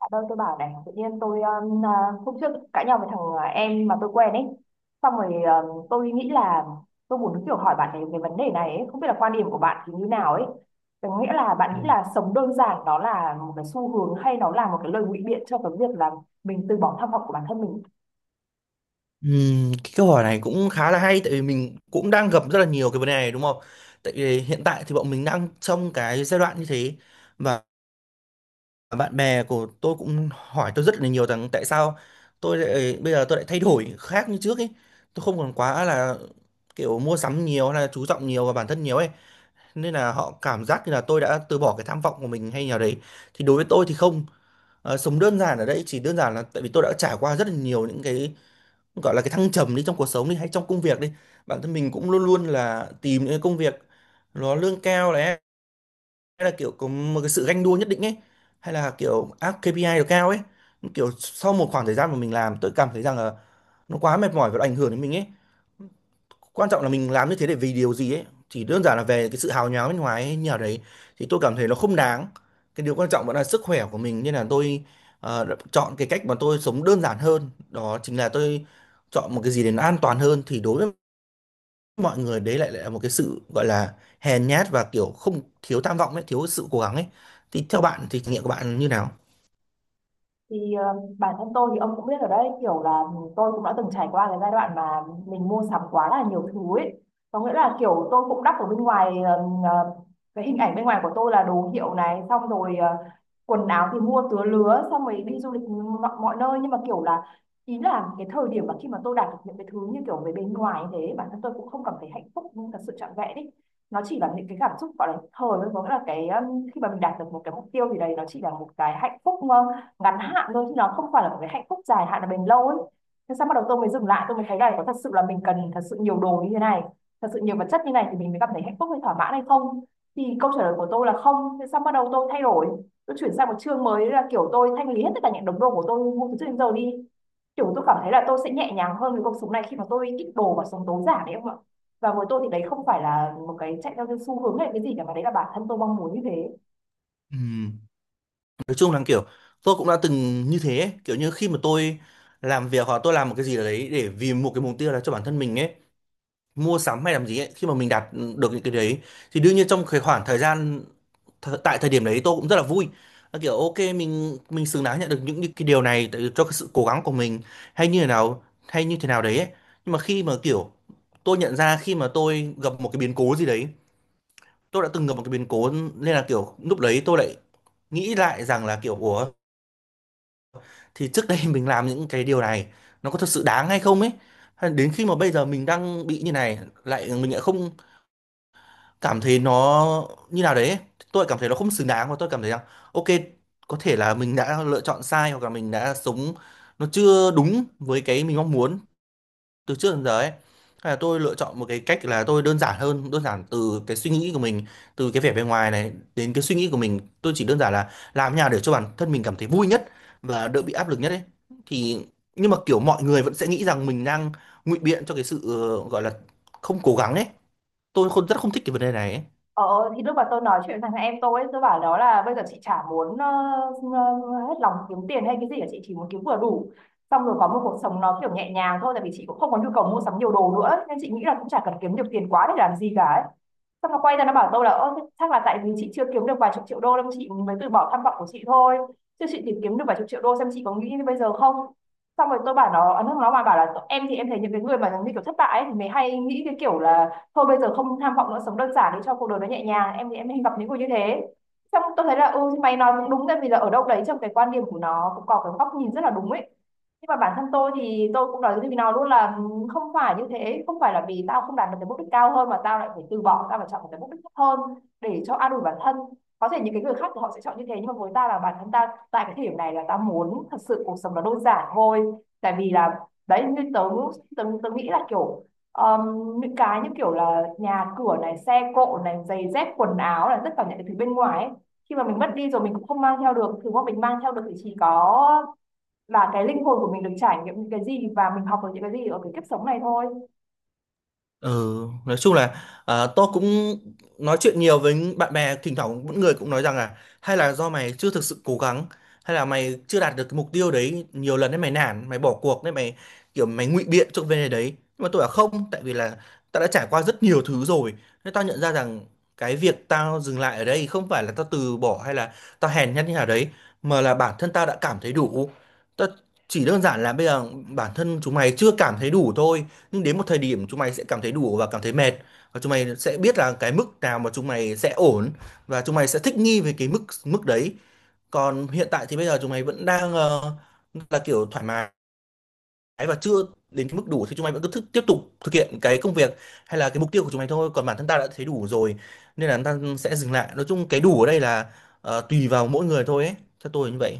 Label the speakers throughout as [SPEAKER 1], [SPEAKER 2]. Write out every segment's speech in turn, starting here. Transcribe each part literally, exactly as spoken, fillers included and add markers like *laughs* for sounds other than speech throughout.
[SPEAKER 1] Dạ đâu tôi bảo này tự nhiên tôi um, à, hôm trước cãi nhau với thằng à, em mà tôi quen ấy. Xong rồi, à, tôi nghĩ là tôi muốn kiểu hỏi bạn ấy về vấn đề này ấy. Không biết là quan điểm của bạn thì như nào ấy, có nghĩa là bạn nghĩ là sống đơn giản đó là một cái xu hướng hay nó là một cái lời ngụy biện cho cái việc là mình từ bỏ tham vọng của bản thân mình.
[SPEAKER 2] Ừm, cái câu hỏi này cũng khá là hay tại vì mình cũng đang gặp rất là nhiều cái vấn đề này đúng không? Tại vì hiện tại thì bọn mình đang trong cái giai đoạn như thế, và bạn bè của tôi cũng hỏi tôi rất là nhiều rằng tại sao tôi lại bây giờ tôi lại thay đổi khác như trước ấy. Tôi không còn quá là kiểu mua sắm nhiều hay là chú trọng nhiều vào bản thân nhiều ấy, nên là họ cảm giác như là tôi đã từ bỏ cái tham vọng của mình hay nào đấy, thì đối với tôi thì không. Ờ, sống đơn giản ở đây chỉ đơn giản là tại vì tôi đã trải qua rất là nhiều những cái gọi là cái thăng trầm đi trong cuộc sống đi hay trong công việc đi, bản thân mình cũng luôn luôn là tìm những cái công việc nó lương cao này, hay là kiểu có một cái sự ganh đua nhất định ấy, hay là kiểu áp kay pi ai được cao ấy, kiểu sau một khoảng thời gian mà mình làm, tôi cảm thấy rằng là nó quá mệt mỏi và nó ảnh hưởng đến mình ấy. Quan trọng là mình làm như thế để vì điều gì ấy, chỉ đơn giản là về cái sự hào nhoáng bên ngoài ấy, như nào đấy, thì tôi cảm thấy nó không đáng. Cái điều quan trọng vẫn là sức khỏe của mình nên là tôi ờ, đã chọn cái cách mà tôi sống đơn giản hơn, đó chính là tôi chọn một cái gì để nó an toàn hơn, thì đối với mọi người đấy lại lại là một cái sự gọi là hèn nhát và kiểu không thiếu tham vọng ấy, thiếu sự cố gắng ấy. Thì theo bạn thì trải nghiệm của bạn như nào?
[SPEAKER 1] Thì, ờ, bản thân tôi thì ông cũng biết ở đấy, kiểu là tôi cũng đã từng trải qua cái giai đoạn mà mình mua sắm quá là nhiều thứ ấy. Có nghĩa là kiểu tôi cũng đắp ở bên ngoài, ờ, ờ, cái hình ảnh bên ngoài của tôi là đồ hiệu này, xong rồi ờ, quần áo thì mua tứa lứa, xong rồi đi du lịch mọi, mọi nơi, nhưng mà kiểu là ý là cái thời điểm mà khi mà tôi đạt được những cái thứ như kiểu về bên ngoài như thế, bản thân tôi cũng không cảm thấy hạnh phúc nhưng thật sự trọn vẹn ấy. Nó chỉ là những cái cảm xúc gọi là thời thôi, có nghĩa là cái, um, khi mà mình đạt được một cái mục tiêu thì đấy nó chỉ là một cái hạnh phúc ờ, ngắn hạn thôi, chứ nó không phải là một cái hạnh phúc dài hạn là bền lâu ấy. Thế sao bắt đầu tôi mới dừng lại, tôi mới thấy là có thật sự là mình cần thật sự nhiều đồ như thế này, thật sự nhiều vật chất như này thì mình mới cảm thấy hạnh phúc hay thỏa mãn hay không. Thì câu trả lời của tôi là không. Thế sao bắt đầu tôi thay đổi, tôi chuyển sang một chương mới, là kiểu tôi thanh lý hết tất cả những đống đồ của tôi mua từ trước đến giờ đi. Kiểu tôi cảm thấy là tôi sẽ nhẹ nhàng hơn với cuộc sống này khi mà tôi ít đồ và sống tối giản đấy không ạ. Và với tôi thì đấy không phải là một cái chạy theo cái xu hướng hay cái gì cả, mà đấy là bản thân tôi mong muốn như thế.
[SPEAKER 2] Ừ. Nói chung là kiểu tôi cũng đã từng như thế ấy. Kiểu như khi mà tôi làm việc hoặc tôi làm một cái gì đấy để vì một cái mục tiêu là cho bản thân mình ấy, mua sắm hay làm gì ấy, khi mà mình đạt được những cái đấy thì đương nhiên trong cái khoảng thời gian th tại thời điểm đấy tôi cũng rất là vui. Là kiểu ok, mình mình xứng đáng nhận được những, những cái điều này tại- cho cái sự cố gắng của mình hay như thế nào hay như thế nào đấy ấy. Nhưng mà khi mà kiểu tôi nhận ra khi mà tôi gặp một cái biến cố gì đấy, tôi đã từng gặp một cái biến cố, nên là kiểu lúc đấy tôi lại nghĩ lại rằng là kiểu ủa, thì trước đây *laughs* mình làm những cái điều này nó có thật sự đáng hay không ấy. Hay đến khi mà bây giờ mình đang bị như này lại mình lại không cảm thấy nó như nào đấy, tôi lại cảm thấy nó không xứng đáng và tôi cảm thấy rằng ok, có thể là mình đã lựa chọn sai hoặc là mình đã sống nó chưa đúng với cái mình mong muốn từ trước đến giờ ấy. Hay là tôi lựa chọn một cái cách là tôi đơn giản hơn, đơn giản từ cái suy nghĩ của mình, từ cái vẻ bề ngoài này đến cái suy nghĩ của mình, tôi chỉ đơn giản là làm nhà để cho bản thân mình cảm thấy vui nhất và đỡ bị áp lực nhất ấy. Thì nhưng mà kiểu mọi người vẫn sẽ nghĩ rằng mình đang ngụy biện cho cái sự ờ, gọi là không cố gắng ấy. Tôi không rất không thích cái vấn đề này ấy.
[SPEAKER 1] Ờ thì lúc mà tôi nói chuyện với thằng em tôi ấy, tôi bảo nó là bây giờ chị chả muốn ờ, ờ, hết lòng kiếm tiền hay cái gì cả, chị chỉ muốn kiếm vừa đủ, xong rồi có một cuộc sống nó kiểu nhẹ nhàng thôi, tại vì chị cũng không có nhu cầu mua sắm nhiều đồ nữa nên chị nghĩ là cũng chả cần kiếm nhiều tiền quá để làm gì cả ấy. Xong nó quay ra nó bảo tôi là ơ thế chắc là tại vì chị chưa kiếm được vài chục triệu đô nên chị mới từ bỏ tham vọng của chị thôi, chứ chị tìm kiếm được vài chục triệu đô xem chị có nghĩ như bây giờ không. Xong rồi tôi bảo nó. Nó nó mà bảo là em thì em thấy những cái người mà như kiểu thất bại ấy, thì mới hay nghĩ cái kiểu là thôi bây giờ không tham vọng nữa, sống đơn giản đi cho cuộc đời nó nhẹ nhàng, em thì em hay gặp những người như thế. Xong tôi thấy là ừ thì mày nói cũng đúng, tại vì là ở đâu đấy trong cái quan điểm của nó cũng có cái góc nhìn rất là đúng ấy, nhưng mà bản thân tôi thì tôi cũng nói với nó luôn là ừ, không phải như thế, không phải là vì tao không đạt được cái mục đích cao hơn mà tao lại phải từ bỏ, tao phải chọn một cái mục đích thấp hơn để cho an ủi bản thân. Có thể những cái người khác thì họ sẽ chọn như thế, nhưng mà với ta là bản thân ta tại cái thời điểm này là ta muốn thật sự cuộc sống nó đơn giản thôi. Tại vì là đấy, như tớ tớ, tớ nghĩ là kiểu, Ờm, những cái như kiểu là nhà cửa này, xe cộ này, giày dép quần áo là tất cả những cái thứ bên ngoài ấy. Khi mà mình mất đi rồi mình cũng không mang theo được, thứ mà mình mang theo được thì chỉ có là cái linh hồn của mình được trải nghiệm những cái gì và mình học được những cái gì ở cái kiếp sống này thôi.
[SPEAKER 2] Ừ, nói chung là à, tôi cũng nói chuyện nhiều với bạn bè, thỉnh thoảng mỗi người cũng nói rằng là hay là do mày chưa thực sự cố gắng, hay là mày chưa đạt được cái mục tiêu đấy nhiều lần đấy, mày nản, mày bỏ cuộc đấy, mày kiểu mày ngụy biện cho cái vấn đề đấy. Nhưng mà tôi là không, tại vì là tao đã trải qua rất nhiều thứ rồi, nên tao nhận ra rằng cái việc tao dừng lại ở đây không phải là tao từ bỏ hay là tao hèn nhát như nào đấy, mà là bản thân tao đã cảm thấy đủ. Tao chỉ đơn giản là bây giờ bản thân chúng mày chưa cảm thấy đủ thôi, nhưng đến một thời điểm chúng mày sẽ cảm thấy đủ và cảm thấy mệt, và chúng mày sẽ biết là cái mức nào mà chúng mày sẽ ổn, và chúng mày sẽ thích nghi với cái mức mức đấy. Còn hiện tại thì bây giờ chúng mày vẫn đang ờ, là kiểu thoải mái và chưa đến cái mức đủ, thì chúng mày vẫn cứ thức, tiếp tục thực hiện cái công việc hay là cái mục tiêu của chúng mày thôi, còn bản thân ta đã thấy đủ rồi nên là ta sẽ dừng lại. Nói chung cái đủ ở đây là ờ, tùy vào mỗi người thôi ấy, theo tôi là như vậy.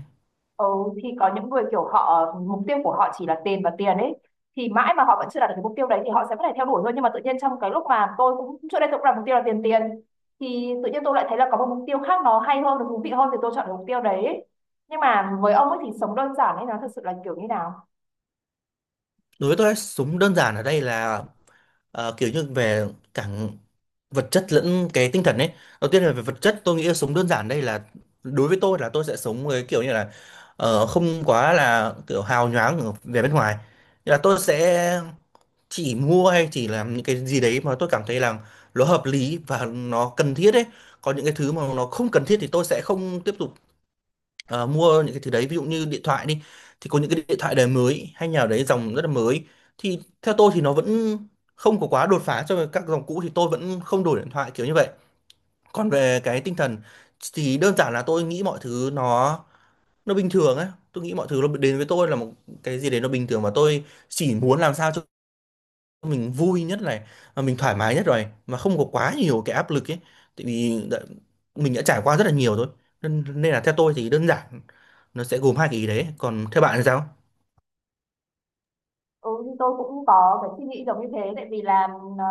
[SPEAKER 1] Ừ, thì có những người kiểu họ mục tiêu của họ chỉ là tiền và tiền ấy, thì mãi mà họ vẫn chưa đạt được cái mục tiêu đấy thì họ sẽ vẫn phải theo đuổi thôi. Nhưng mà tự nhiên trong cái lúc mà tôi cũng trước đây tôi cũng đặt mục tiêu là tiền tiền, thì tự nhiên tôi lại thấy là có một mục tiêu khác nó hay hơn, nó thú vị hơn, thì tôi chọn cái mục tiêu đấy ấy. Nhưng mà với ông ấy thì sống đơn giản ấy nó thật sự là kiểu như nào?
[SPEAKER 2] Đối với tôi súng đơn giản ở đây là ờ, kiểu như về cả vật chất lẫn cái tinh thần ấy. Đầu tiên là về vật chất, tôi nghĩ là súng đơn giản đây là đối với tôi là tôi sẽ sống với kiểu như là ờ, không quá là kiểu hào nhoáng ở- về bên ngoài. Nghĩa là tôi sẽ chỉ mua hay chỉ làm những cái gì đấy mà tôi cảm thấy là nó hợp lý và nó cần thiết ấy, còn những cái thứ mà nó không cần thiết thì tôi sẽ không tiếp tục ờ, mua những cái thứ đấy. Ví dụ như điện thoại đi, thì có những cái điện thoại đời mới hay nhà đấy dòng rất là mới, thì theo tôi thì nó vẫn không có quá đột phá so với các dòng cũ, thì tôi vẫn không đổi điện thoại kiểu như vậy. Còn về cái tinh thần thì đơn giản là tôi nghĩ mọi thứ nó nó bình thường ấy, tôi nghĩ mọi thứ nó đến với tôi là một cái gì đấy nó bình thường, và tôi chỉ muốn làm sao cho mình vui nhất này, mà mình thoải mái nhất rồi, mà không có quá nhiều cái áp lực ấy. Tại vì đã- mình đã trải qua rất là nhiều rồi, nên nên là theo tôi thì đơn giản nó sẽ gồm hai cái ý đấy. Còn theo bạn thì sao?
[SPEAKER 1] Ừ, thì tôi cũng có cái suy nghĩ giống như thế, tại vì là ờ,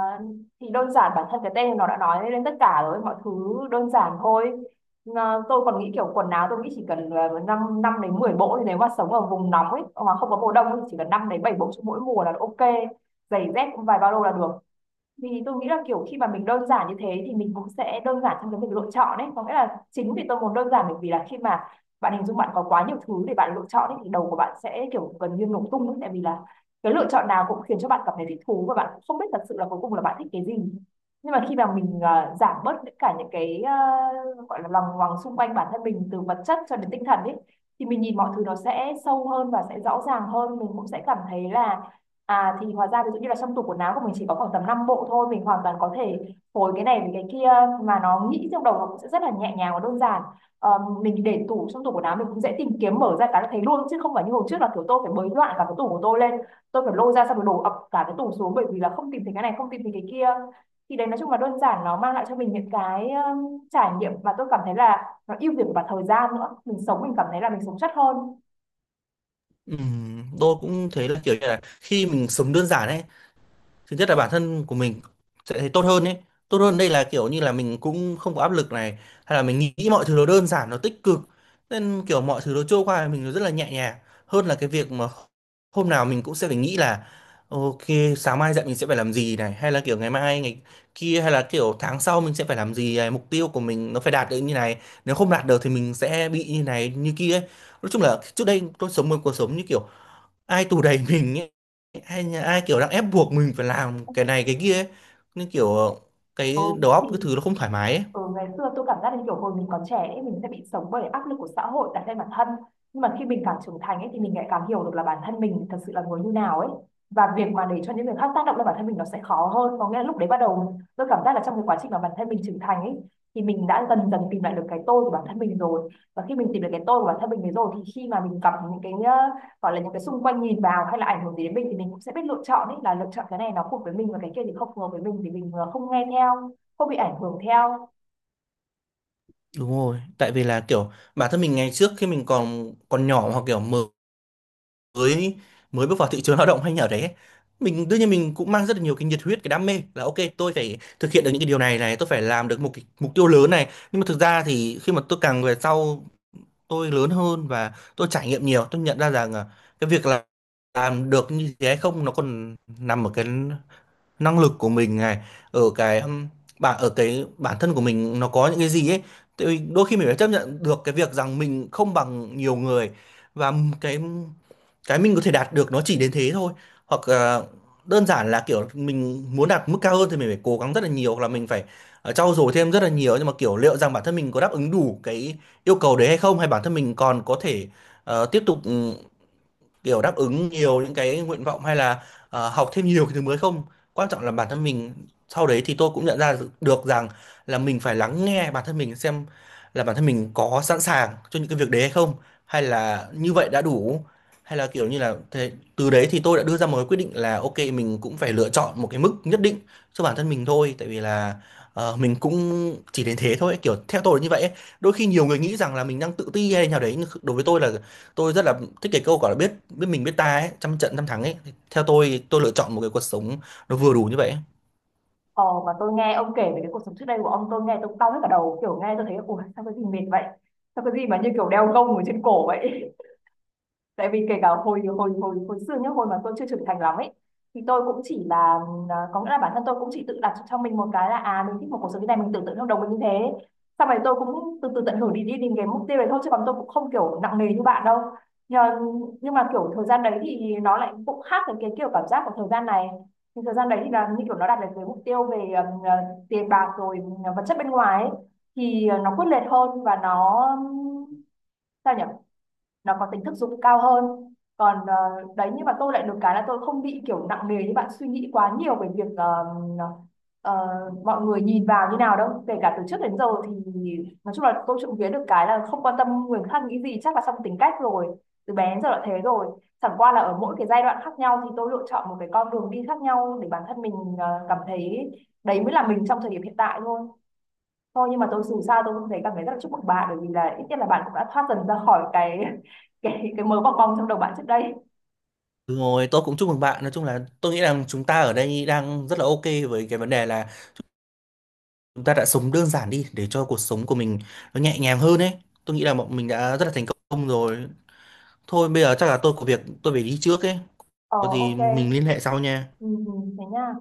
[SPEAKER 1] thì đơn giản bản thân cái tên nó đã nói lên tất cả rồi, mọi thứ đơn giản thôi. Ờ, tôi còn nghĩ kiểu quần áo tôi nghĩ chỉ cần uh, 5, năm đến mười bộ, thì nếu mà sống ở vùng nóng ấy mà không có mùa đông thì chỉ cần năm đến bảy bộ cho mỗi mùa là ok. Giày dép cũng vài ba lô là được, vì tôi nghĩ là kiểu khi mà mình đơn giản như thế thì mình cũng sẽ đơn giản trong cái việc lựa chọn đấy. Có nghĩa là chính vì tôi muốn đơn giản bởi vì là khi mà bạn hình dung bạn có quá nhiều thứ để bạn lựa chọn ấy, thì đầu của bạn sẽ kiểu gần như nổ tung ấy. Tại vì là cái lựa chọn nào cũng khiến cho bạn cảm thấy thích thú và bạn cũng không biết thật sự là cuối cùng là bạn thích cái gì. Nhưng mà khi mà mình à, giảm bớt tất cả những cái, à, gọi là lòng ngoằng xung quanh bản thân mình từ vật chất cho đến tinh thần ấy, thì mình nhìn mọi thứ nó sẽ sâu hơn và sẽ rõ ràng hơn. Mình cũng sẽ cảm thấy là à, thì hóa ra ví dụ như là trong tủ quần áo của mình chỉ có khoảng tầm năm bộ thôi, mình hoàn toàn có thể phối cái này với cái kia. Mà nó nghĩ trong đầu nó cũng sẽ rất là nhẹ nhàng và đơn giản. Ờ, Mình để tủ, trong tủ quần áo mình cũng dễ tìm kiếm, mở ra cái là thấy luôn, chứ không phải như hồi trước là kiểu tôi phải bới loạn cả cái tủ của tôi lên. Tôi phải lôi ra xong rồi đổ ập cả cái tủ xuống, bởi vì là không tìm thấy cái này, không tìm thấy cái kia. Thì đấy, nói chung là đơn giản nó mang lại cho mình những cái um, trải nghiệm mà tôi cảm thấy là nó ưu việt cả thời gian nữa. Mình sống mình cảm thấy là mình sống chất hơn.
[SPEAKER 2] Ừm, tôi cũng thấy là kiểu như là khi mình sống đơn giản ấy, thứ nhất là bản thân của mình sẽ thấy tốt hơn ấy. Tốt hơn đây là kiểu như là mình cũng không có áp lực này, hay là mình nghĩ mọi thứ nó đơn giản nó tích cực, nên kiểu mọi thứ nó trôi qua mình nó rất là nhẹ nhàng hơn là cái việc mà hôm nào mình cũng sẽ phải nghĩ là ok, sáng mai dậy mình sẽ phải làm gì này, hay là kiểu ngày mai ngày kia, hay là kiểu tháng sau mình sẽ phải làm gì này, mục tiêu của mình nó phải đạt được như này, nếu không đạt được thì mình sẽ bị như này như kia ấy. Nói chung là trước đây tôi sống một cuộc sống như kiểu ai tù đẩy mình ấy, ai nhà- ai kiểu đang ép buộc mình phải làm cái này cái kia ấy. Nên kiểu ờ,
[SPEAKER 1] Ừ,
[SPEAKER 2] cái đầu óc cái
[SPEAKER 1] thì
[SPEAKER 2] thứ nó không thoải mái ấy.
[SPEAKER 1] ừ, ngày xưa tôi cảm giác như kiểu hồi mình còn trẻ ấy, mình sẽ bị sống bởi áp lực của xã hội đặt lên bản thân, nhưng mà khi mình càng trưởng thành ấy, thì mình lại càng hiểu được là bản thân mình thật sự là người như nào ấy, và việc mà để cho những người khác tác động lên bản thân mình nó sẽ khó hơn. Có nghĩa là lúc đấy bắt đầu tôi cảm giác là trong cái quá trình mà bản thân mình trưởng thành ấy, thì mình đã dần dần tìm lại được cái tôi của bản thân mình rồi, và khi mình tìm được cái tôi của bản thân mình rồi thì khi mà mình gặp những cái, ờ, gọi là những cái xung quanh nhìn vào hay là ảnh hưởng gì đến mình, thì mình cũng sẽ biết lựa chọn ấy, là lựa chọn cái này nó phù hợp với mình và cái kia thì không phù hợp với mình, thì mình ờ, không nghe theo, không bị ảnh hưởng theo.
[SPEAKER 2] Đúng rồi, tại vì là kiểu bản thân mình ngày trước khi mình còn còn nhỏ hoặc kiểu mới mới bước vào thị trường lao động hay nhà đấy ấy, mình đương nhiên mình cũng mang rất là nhiều cái nhiệt huyết cái đam mê, là ok tôi phải thực hiện được những cái điều này này, tôi phải làm được một cái mục tiêu lớn này. Nhưng mà thực ra thì khi mà tôi càng về sau tôi lớn hơn và tôi trải nghiệm nhiều, tôi nhận ra rằng à, cái việc là làm được như thế hay không nó còn nằm ở cái năng lực của mình này, ở cái um, bản ở cái bản thân của mình nó có những cái gì ấy. Tại vì đôi khi mình phải chấp nhận được cái việc rằng mình không bằng nhiều người, và m- cái cái mình có thể đạt được nó chỉ đến thế thôi, hoặc là đơn giản là kiểu mình muốn đạt mức cao hơn thì mình phải cố gắng rất là nhiều, hoặc là mình phải ờ, trau dồi thêm rất là nhiều. Nhưng mà kiểu liệu rằng bản thân mình có đáp ứng đủ cái yêu cầu đấy hay không, hay bản thân mình còn có thể ờ, tiếp tục kiểu đáp ứng nhiều những cái nguyện vọng, hay là ờ, học thêm nhiều cái thứ mới không. Quan trọng là bản thân mình, sau đấy thì tôi cũng nhận ra được rằng là mình phải lắng nghe bản thân mình xem là bản thân mình có sẵn sàng cho những cái việc đấy hay không, hay là như vậy đã đủ, hay là kiểu như là thế. Từ đấy thì tôi đã đưa ra một cái quyết định là ok, mình cũng phải lựa chọn một cái mức nhất định cho bản thân mình thôi, tại vì là ờ, mình cũng chỉ đến thế thôi, kiểu theo tôi là như vậy ấy. Đôi khi nhiều người nghĩ rằng là mình đang tự ti hay nào đấy, nhưng đối với tôi là tôi rất là thích cái câu gọi là biết biết mình biết ta ấy, trăm trận trăm thắng ấy. Thì theo tôi tôi lựa chọn một cái cuộc sống nó vừa đủ như vậy ấy.
[SPEAKER 1] Ờ, mà tôi nghe ông kể về cái cuộc sống trước đây của ông, tôi nghe tôi cong hết cả đầu, kiểu nghe tôi thấy ủa sao cái gì mệt vậy, sao cái gì mà như kiểu đeo gông ở trên cổ vậy. Tại vì kể cả hồi hồi hồi hồi xưa nhá, hồi mà tôi chưa trưởng thành lắm ấy, thì tôi cũng chỉ là à, có nghĩa là bản thân tôi cũng chỉ tự đặt cho mình một cái là à mình thích một cuộc sống như này, mình tưởng tượng trong đầu mình như thế. Sau này tôi cũng từ từ tận hưởng đi đi đến cái mục tiêu này thôi, chứ còn tôi cũng không kiểu nặng nề như bạn đâu. Nhưng, nhưng mà kiểu thời gian đấy thì nó lại cũng khác với cái kiểu cảm giác của thời gian này. Thì thời gian đấy thì là như kiểu nó đạt được cái mục tiêu về ừm, à, tiền bạc rồi, à, vật chất bên ngoài ấy, thì à, nó quyết liệt hơn và nó, ừm, sao nhỉ, nó có tính thực dụng cao hơn. Còn ờ, đấy, nhưng mà tôi lại được cái là tôi không bị kiểu nặng nề như bạn suy nghĩ quá nhiều về việc ờ, ờ, mọi người nhìn vào như nào đâu, kể cả từ trước đến giờ. Thì nói chung là tôi trộm vía được cái là không quan tâm người khác nghĩ gì, chắc là trong tính cách rồi, từ bé đến giờ là thế rồi. Chẳng qua là ở mỗi cái giai đoạn khác nhau thì tôi lựa chọn một cái con đường đi khác nhau để bản thân mình ờ, cảm thấy đấy mới là mình trong thời điểm hiện tại thôi. Thôi nhưng mà tôi dù sao tôi cũng thấy cảm thấy rất là chúc mừng bạn, bởi vì là ít nhất là bạn cũng đã thoát dần ra khỏi cái *laughs* cái cái mớ bong bong trong đầu bạn trước đây.
[SPEAKER 2] Đúng rồi, tôi cũng chúc mừng bạn. Nói chung là tôi nghĩ rằng chúng ta ở đây đang rất là ok với cái vấn đề là chúng ta đã sống đơn giản đi để cho cuộc sống của mình nó nhẹ nhàng hơn ấy, tôi nghĩ là bọn mình đã rất là thành công rồi. Thôi bây giờ chắc là tôi có việc tôi phải đi trước ấy,
[SPEAKER 1] Ờ,
[SPEAKER 2] có gì
[SPEAKER 1] ok.
[SPEAKER 2] mình liên hệ sau nha.
[SPEAKER 1] Ừ, ừ, thế nha.